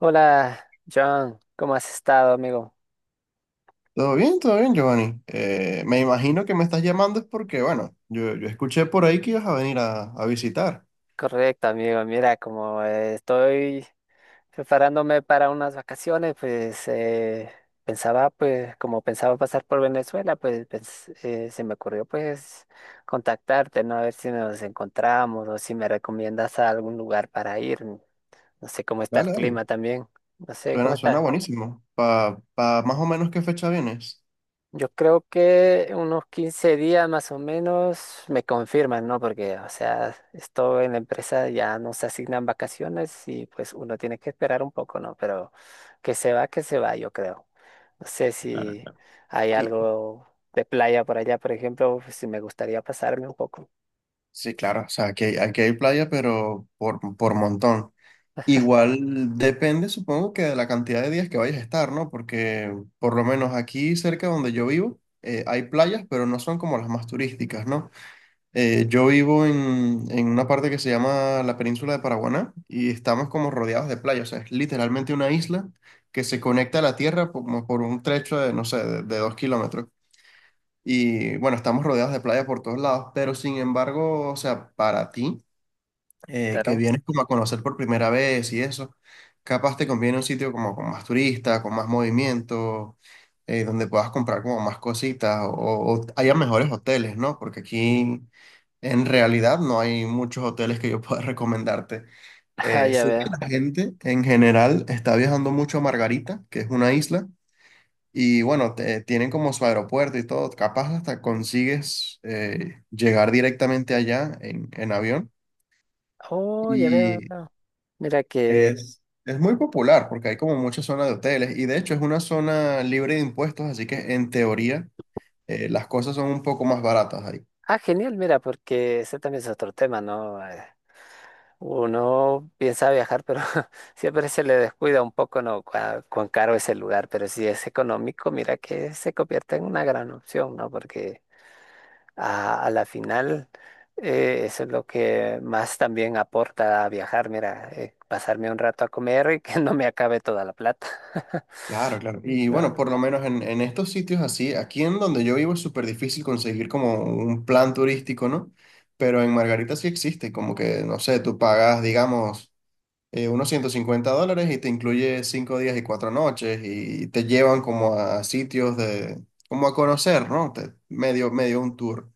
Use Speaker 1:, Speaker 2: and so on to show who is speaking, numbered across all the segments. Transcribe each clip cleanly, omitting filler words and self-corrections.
Speaker 1: Hola, John, ¿cómo has estado, amigo?
Speaker 2: Todo bien, Giovanni. Me imagino que me estás llamando es porque, bueno, yo escuché por ahí que ibas a venir a visitar.
Speaker 1: Correcto, amigo. Mira, como estoy preparándome para unas vacaciones, pues pensaba, pues, como pensaba pasar por Venezuela, pues, se me ocurrió, pues, contactarte, ¿no? A ver si nos encontramos o si me recomiendas a algún lugar para ir. No sé cómo está el
Speaker 2: Dale, dale.
Speaker 1: clima también. No sé cómo
Speaker 2: Suena
Speaker 1: está.
Speaker 2: buenísimo. ¿Pa más o menos qué fecha vienes?
Speaker 1: Yo creo que unos 15 días más o menos me confirman, ¿no? Porque, o sea, esto en la empresa ya nos asignan vacaciones y pues uno tiene que esperar un poco, ¿no? Pero que se va, yo creo. No sé
Speaker 2: Claro,
Speaker 1: si
Speaker 2: claro.
Speaker 1: hay
Speaker 2: Y,
Speaker 1: algo de playa por allá, por ejemplo, pues, si me gustaría pasarme un poco.
Speaker 2: sí, claro, o sea, aquí hay playa, pero por montón. Igual depende, supongo que de la cantidad de días que vayas a estar, ¿no? Porque por lo menos aquí cerca donde yo vivo, hay playas, pero no son como las más turísticas, ¿no? Yo vivo en una parte que se llama la península de Paraguaná y estamos como rodeados de playa, o sea, es literalmente una isla que se conecta a la tierra como por un trecho de, no sé, de 2 km. Y bueno, estamos rodeados de playa por todos lados, pero sin embargo, o sea, para ti que
Speaker 1: Claro.
Speaker 2: vienes como a conocer por primera vez y eso, capaz te conviene un sitio como con más turistas, con más movimiento, donde puedas comprar como más cositas o haya mejores hoteles, ¿no? Porque aquí en realidad no hay muchos hoteles que yo pueda recomendarte.
Speaker 1: Ah, ya
Speaker 2: Sé que la
Speaker 1: veo.
Speaker 2: gente en general está viajando mucho a Margarita, que es una isla, y bueno, tienen como su aeropuerto y todo, capaz hasta consigues llegar directamente allá en avión.
Speaker 1: Oh, ya veo,
Speaker 2: Y
Speaker 1: no. Mira que...
Speaker 2: es muy popular porque hay como muchas zonas de hoteles y de hecho es una zona libre de impuestos, así que en teoría las cosas son un poco más baratas ahí.
Speaker 1: Ah, genial, mira, porque ese también es otro tema, ¿no? Uno piensa viajar, pero siempre se le descuida un poco, ¿no? ¿Cuán caro es el lugar? Pero si es económico, mira que se convierte en una gran opción, ¿no? Porque a la final eso es lo que más también aporta a viajar, mira, pasarme un rato a comer y que no me acabe toda la plata.
Speaker 2: Claro, claro.
Speaker 1: Sí,
Speaker 2: Y bueno,
Speaker 1: claro.
Speaker 2: por lo menos en estos sitios así, aquí en donde yo vivo es súper difícil conseguir como un plan turístico, ¿no? Pero en Margarita sí existe, como que, no sé, tú pagas, digamos, unos $150 y te incluye 5 días y 4 noches y te llevan como a sitios de, como a conocer, ¿no? Medio, medio un tour.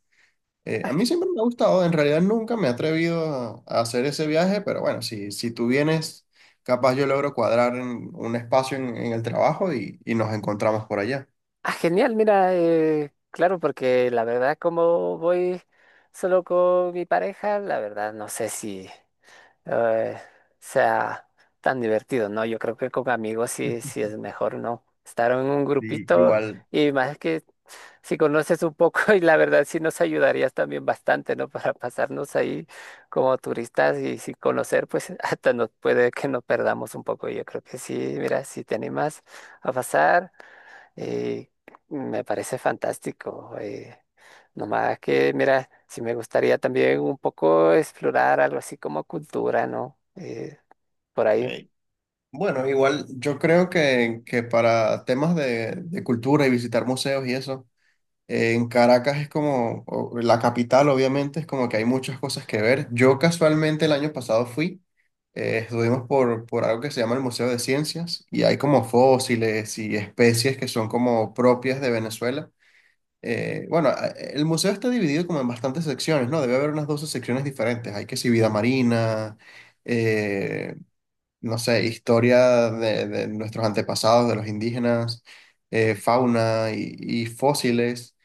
Speaker 1: Ah,
Speaker 2: A mí siempre me ha gustado, en realidad nunca me he atrevido a hacer ese viaje, pero bueno, si, si tú vienes, capaz yo logro cuadrar en un espacio en el trabajo y nos encontramos por allá.
Speaker 1: ah, genial, mira, claro, porque la verdad como voy solo con mi pareja, la verdad no sé si... eh, sea tan divertido, ¿no? Yo creo que con amigos sí es mejor, ¿no? Estar en un
Speaker 2: Y
Speaker 1: grupito
Speaker 2: igual,
Speaker 1: y más que si conoces un poco y la verdad sí nos ayudarías también bastante, ¿no? Para pasarnos ahí como turistas y sin conocer, pues, hasta nos puede que nos perdamos un poco. Yo creo que sí, mira, si te animas a pasar. Eh, Me parece fantástico. Nomás que, mira, si me gustaría también un poco explorar algo así como cultura, ¿no? Por ahí.
Speaker 2: eh, bueno, igual yo creo que para temas de cultura y visitar museos y eso, en Caracas es como, la capital obviamente es como que hay muchas cosas que ver. Yo casualmente el año pasado fui, estuvimos por algo que se llama el Museo de Ciencias y hay como fósiles y especies que son como propias de Venezuela. Bueno, el museo está dividido como en bastantes secciones, ¿no? Debe haber unas 12 secciones diferentes. Hay que si vida marina, eh, no sé, historia de nuestros antepasados, de los indígenas, fauna y fósiles.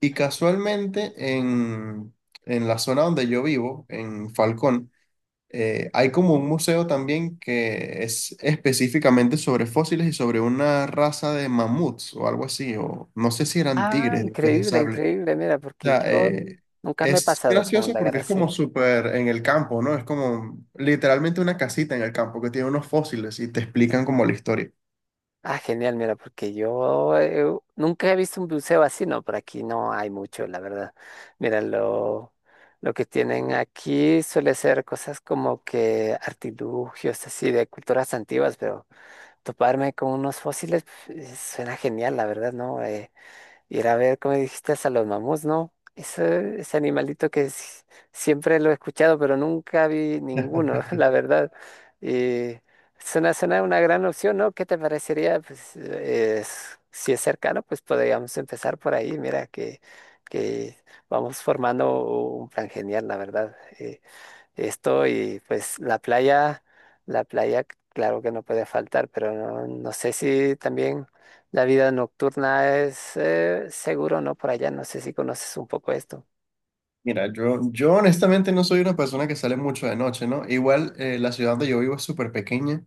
Speaker 2: Y casualmente en la zona donde yo vivo, en Falcón, hay como un museo también que es específicamente sobre fósiles y sobre una raza de mamuts o algo así, o no sé si eran
Speaker 1: Ah,
Speaker 2: tigres, dientes de
Speaker 1: increíble,
Speaker 2: sable.
Speaker 1: increíble, mira,
Speaker 2: O
Speaker 1: porque
Speaker 2: sea,
Speaker 1: yo nunca me he
Speaker 2: es
Speaker 1: pasado con un
Speaker 2: gracioso
Speaker 1: lagar
Speaker 2: porque es como
Speaker 1: así.
Speaker 2: súper en el campo, ¿no? Es como literalmente una casita en el campo que tiene unos fósiles y te explican como la historia.
Speaker 1: Ah, genial, mira, porque yo nunca he visto un buceo así, ¿no? Por aquí no hay mucho, la verdad. Mira, lo que tienen aquí suele ser cosas como que artilugios así de culturas antiguas, pero... toparme con unos fósiles, pues, suena genial, la verdad, ¿no? Ir a ver, como dijiste, a los mamuts, ¿no? Ese animalito que siempre lo he escuchado, pero nunca vi ninguno, la verdad. Y suena una gran opción, ¿no? ¿Qué te parecería? Pues, si es cercano, pues podríamos empezar por ahí. Mira que, que vamos formando un plan genial, la verdad. Esto y pues la playa, la playa, claro que no puede faltar, pero no, no sé si también la vida nocturna es seguro, ¿no? Por allá, no sé si conoces un poco esto.
Speaker 2: Mira, yo honestamente no soy una persona que sale mucho de noche, ¿no? Igual la ciudad donde yo vivo es súper pequeña.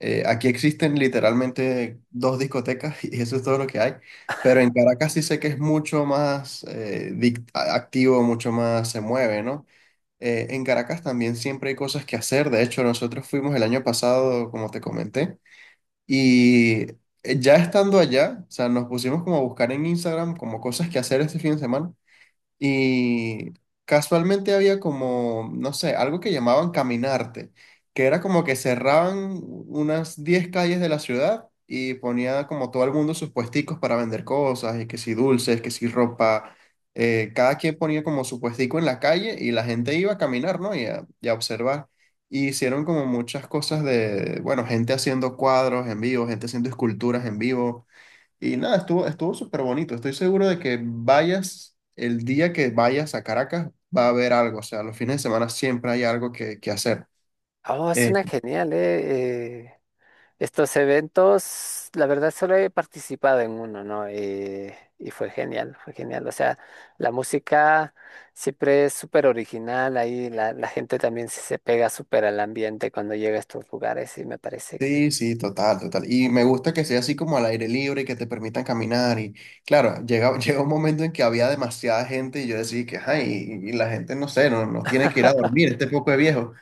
Speaker 2: Aquí existen literalmente dos discotecas y eso es todo lo que hay. Pero en Caracas sí sé que es mucho más activo, mucho más se mueve, ¿no? En Caracas también siempre hay cosas que hacer. De hecho, nosotros fuimos el año pasado, como te comenté, y ya estando allá, o sea, nos pusimos como a buscar en Instagram como cosas que hacer este fin de semana. Y casualmente había como, no sé, algo que llamaban caminarte, que era como que cerraban unas 10 calles de la ciudad y ponía como todo el mundo sus puesticos para vender cosas, y que si dulces, que si ropa, cada quien ponía como su puestico en la calle y la gente iba a caminar, ¿no? Y y a observar. Y hicieron como muchas cosas de, bueno, gente haciendo cuadros en vivo, gente haciendo esculturas en vivo y nada, estuvo súper bonito. Estoy seguro de que vayas, el día que vayas a Caracas, va a haber algo. O sea, los fines de semana siempre hay algo que hacer.
Speaker 1: Oh, es
Speaker 2: Eh,
Speaker 1: una genial, estos eventos, la verdad solo he participado en uno, ¿no? Y fue genial. O sea, la música siempre es súper original, ahí la gente también se pega súper al ambiente cuando llega a estos lugares y me parece que...
Speaker 2: sí, sí, total, total. Y me gusta que sea así como al aire libre y que te permitan caminar. Y claro, llega un momento en que había demasiada gente y yo decía que, ay, y la gente, no sé, no tiene que ir a dormir, este poco de viejo.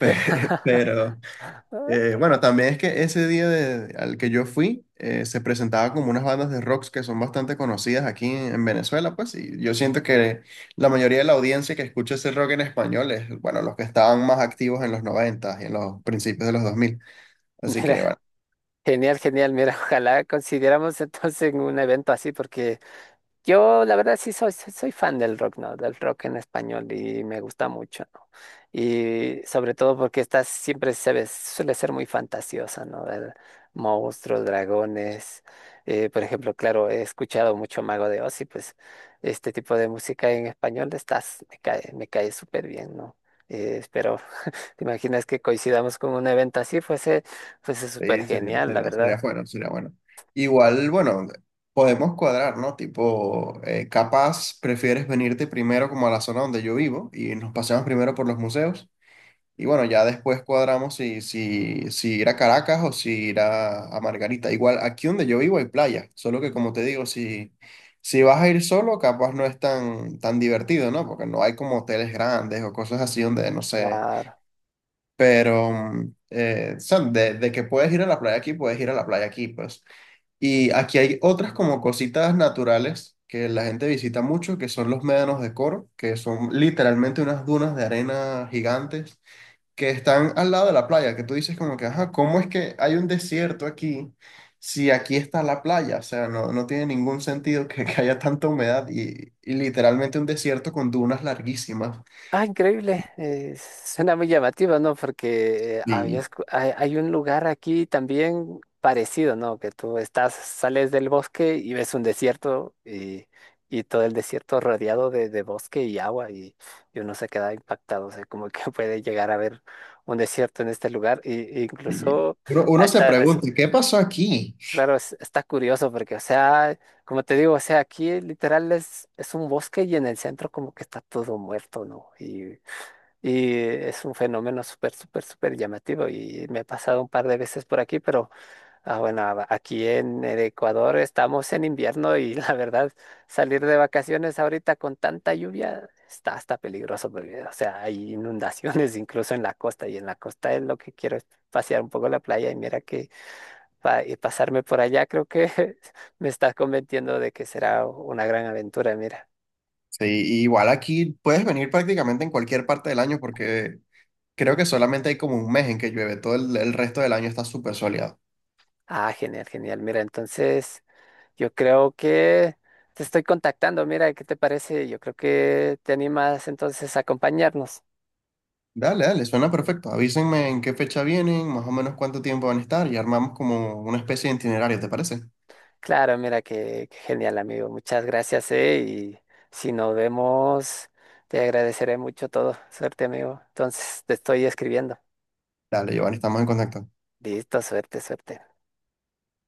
Speaker 2: Pero, Bueno, también es que ese día al que yo fui, se presentaba como unas bandas de rocks que son bastante conocidas aquí en Venezuela, pues, y yo siento que la mayoría de la audiencia que escucha ese rock en español es, bueno, los que estaban más activos en los 90 y en los principios de los 2000. Así que,
Speaker 1: Mira,
Speaker 2: bueno,
Speaker 1: genial. Mira, ojalá consideramos entonces un evento así, porque yo la verdad sí soy fan del rock, ¿no? Del rock en español y me gusta mucho, ¿no? Y sobre todo porque esta siempre se ve, suele ser muy fantasiosa, ¿no? Ver monstruos, dragones. Por ejemplo, claro, he escuchado mucho Mago de Oz y pues este tipo de música en español estás, me cae súper bien, ¿no? Espero. ¿Te imaginas que coincidamos con un evento así? Fuese súper
Speaker 2: sí,
Speaker 1: genial, la
Speaker 2: sería
Speaker 1: verdad.
Speaker 2: bueno, sería bueno. Igual, bueno, podemos cuadrar, ¿no? Tipo, capaz prefieres venirte primero como a la zona donde yo vivo y nos paseamos primero por los museos. Y bueno, ya después cuadramos si, si ir a Caracas o si ir a Margarita. Igual aquí donde yo vivo hay playa, solo que como te digo, si, si vas a ir solo, capaz no es tan, tan divertido, ¿no? Porque no hay como hoteles grandes o cosas así donde, no sé,
Speaker 1: Claro.
Speaker 2: pero, o sea, de que puedes ir a la playa aquí, puedes ir a la playa aquí, pues. Y aquí hay otras como cositas naturales que la gente visita mucho, que son los médanos de Coro, que son literalmente unas dunas de arena gigantes que están al lado de la playa, que tú dices como que, ajá, ¿cómo es que hay un desierto aquí si aquí está la playa? O sea, no, no tiene ningún sentido que haya tanta humedad y literalmente un desierto con dunas larguísimas.
Speaker 1: Ah, increíble. Suena muy llamativo, ¿no? Porque
Speaker 2: Y,
Speaker 1: hay, hay un lugar aquí también parecido, ¿no? Que tú estás, sales del bosque y ves un desierto y todo el desierto rodeado de bosque y agua y uno se queda impactado. O sea, como que puede llegar a ver un desierto en este lugar e
Speaker 2: y
Speaker 1: incluso
Speaker 2: uno se
Speaker 1: hasta resulta.
Speaker 2: pregunta, ¿qué pasó aquí?
Speaker 1: Claro, está curioso porque, o sea, como te digo, o sea, aquí literal es un bosque y en el centro como que está todo muerto, ¿no? Y es un fenómeno súper llamativo y me he pasado un par de veces por aquí, pero ah, bueno, aquí en el Ecuador estamos en invierno y la verdad, salir de vacaciones ahorita con tanta lluvia está hasta peligroso porque, o sea, hay inundaciones incluso en la costa y en la costa es lo que quiero es pasear un poco la playa y mira que pasarme por allá, creo que me está convenciendo de que será una gran aventura, mira.
Speaker 2: Sí, y igual aquí puedes venir prácticamente en cualquier parte del año porque creo que solamente hay como un mes en que llueve, todo el resto del año está súper soleado.
Speaker 1: Ah, genial. Mira, entonces yo creo que te estoy contactando, mira, ¿qué te parece? Yo creo que te animas entonces a acompañarnos.
Speaker 2: Dale, dale, suena perfecto. Avísenme en qué fecha vienen, más o menos cuánto tiempo van a estar y armamos como una especie de itinerario, ¿te parece?
Speaker 1: Claro, mira, qué genial, amigo. Muchas gracias, y si nos vemos, te agradeceré mucho todo. Suerte, amigo. Entonces te estoy escribiendo.
Speaker 2: Dale, Giovanni, estamos en contacto.
Speaker 1: Listo, suerte.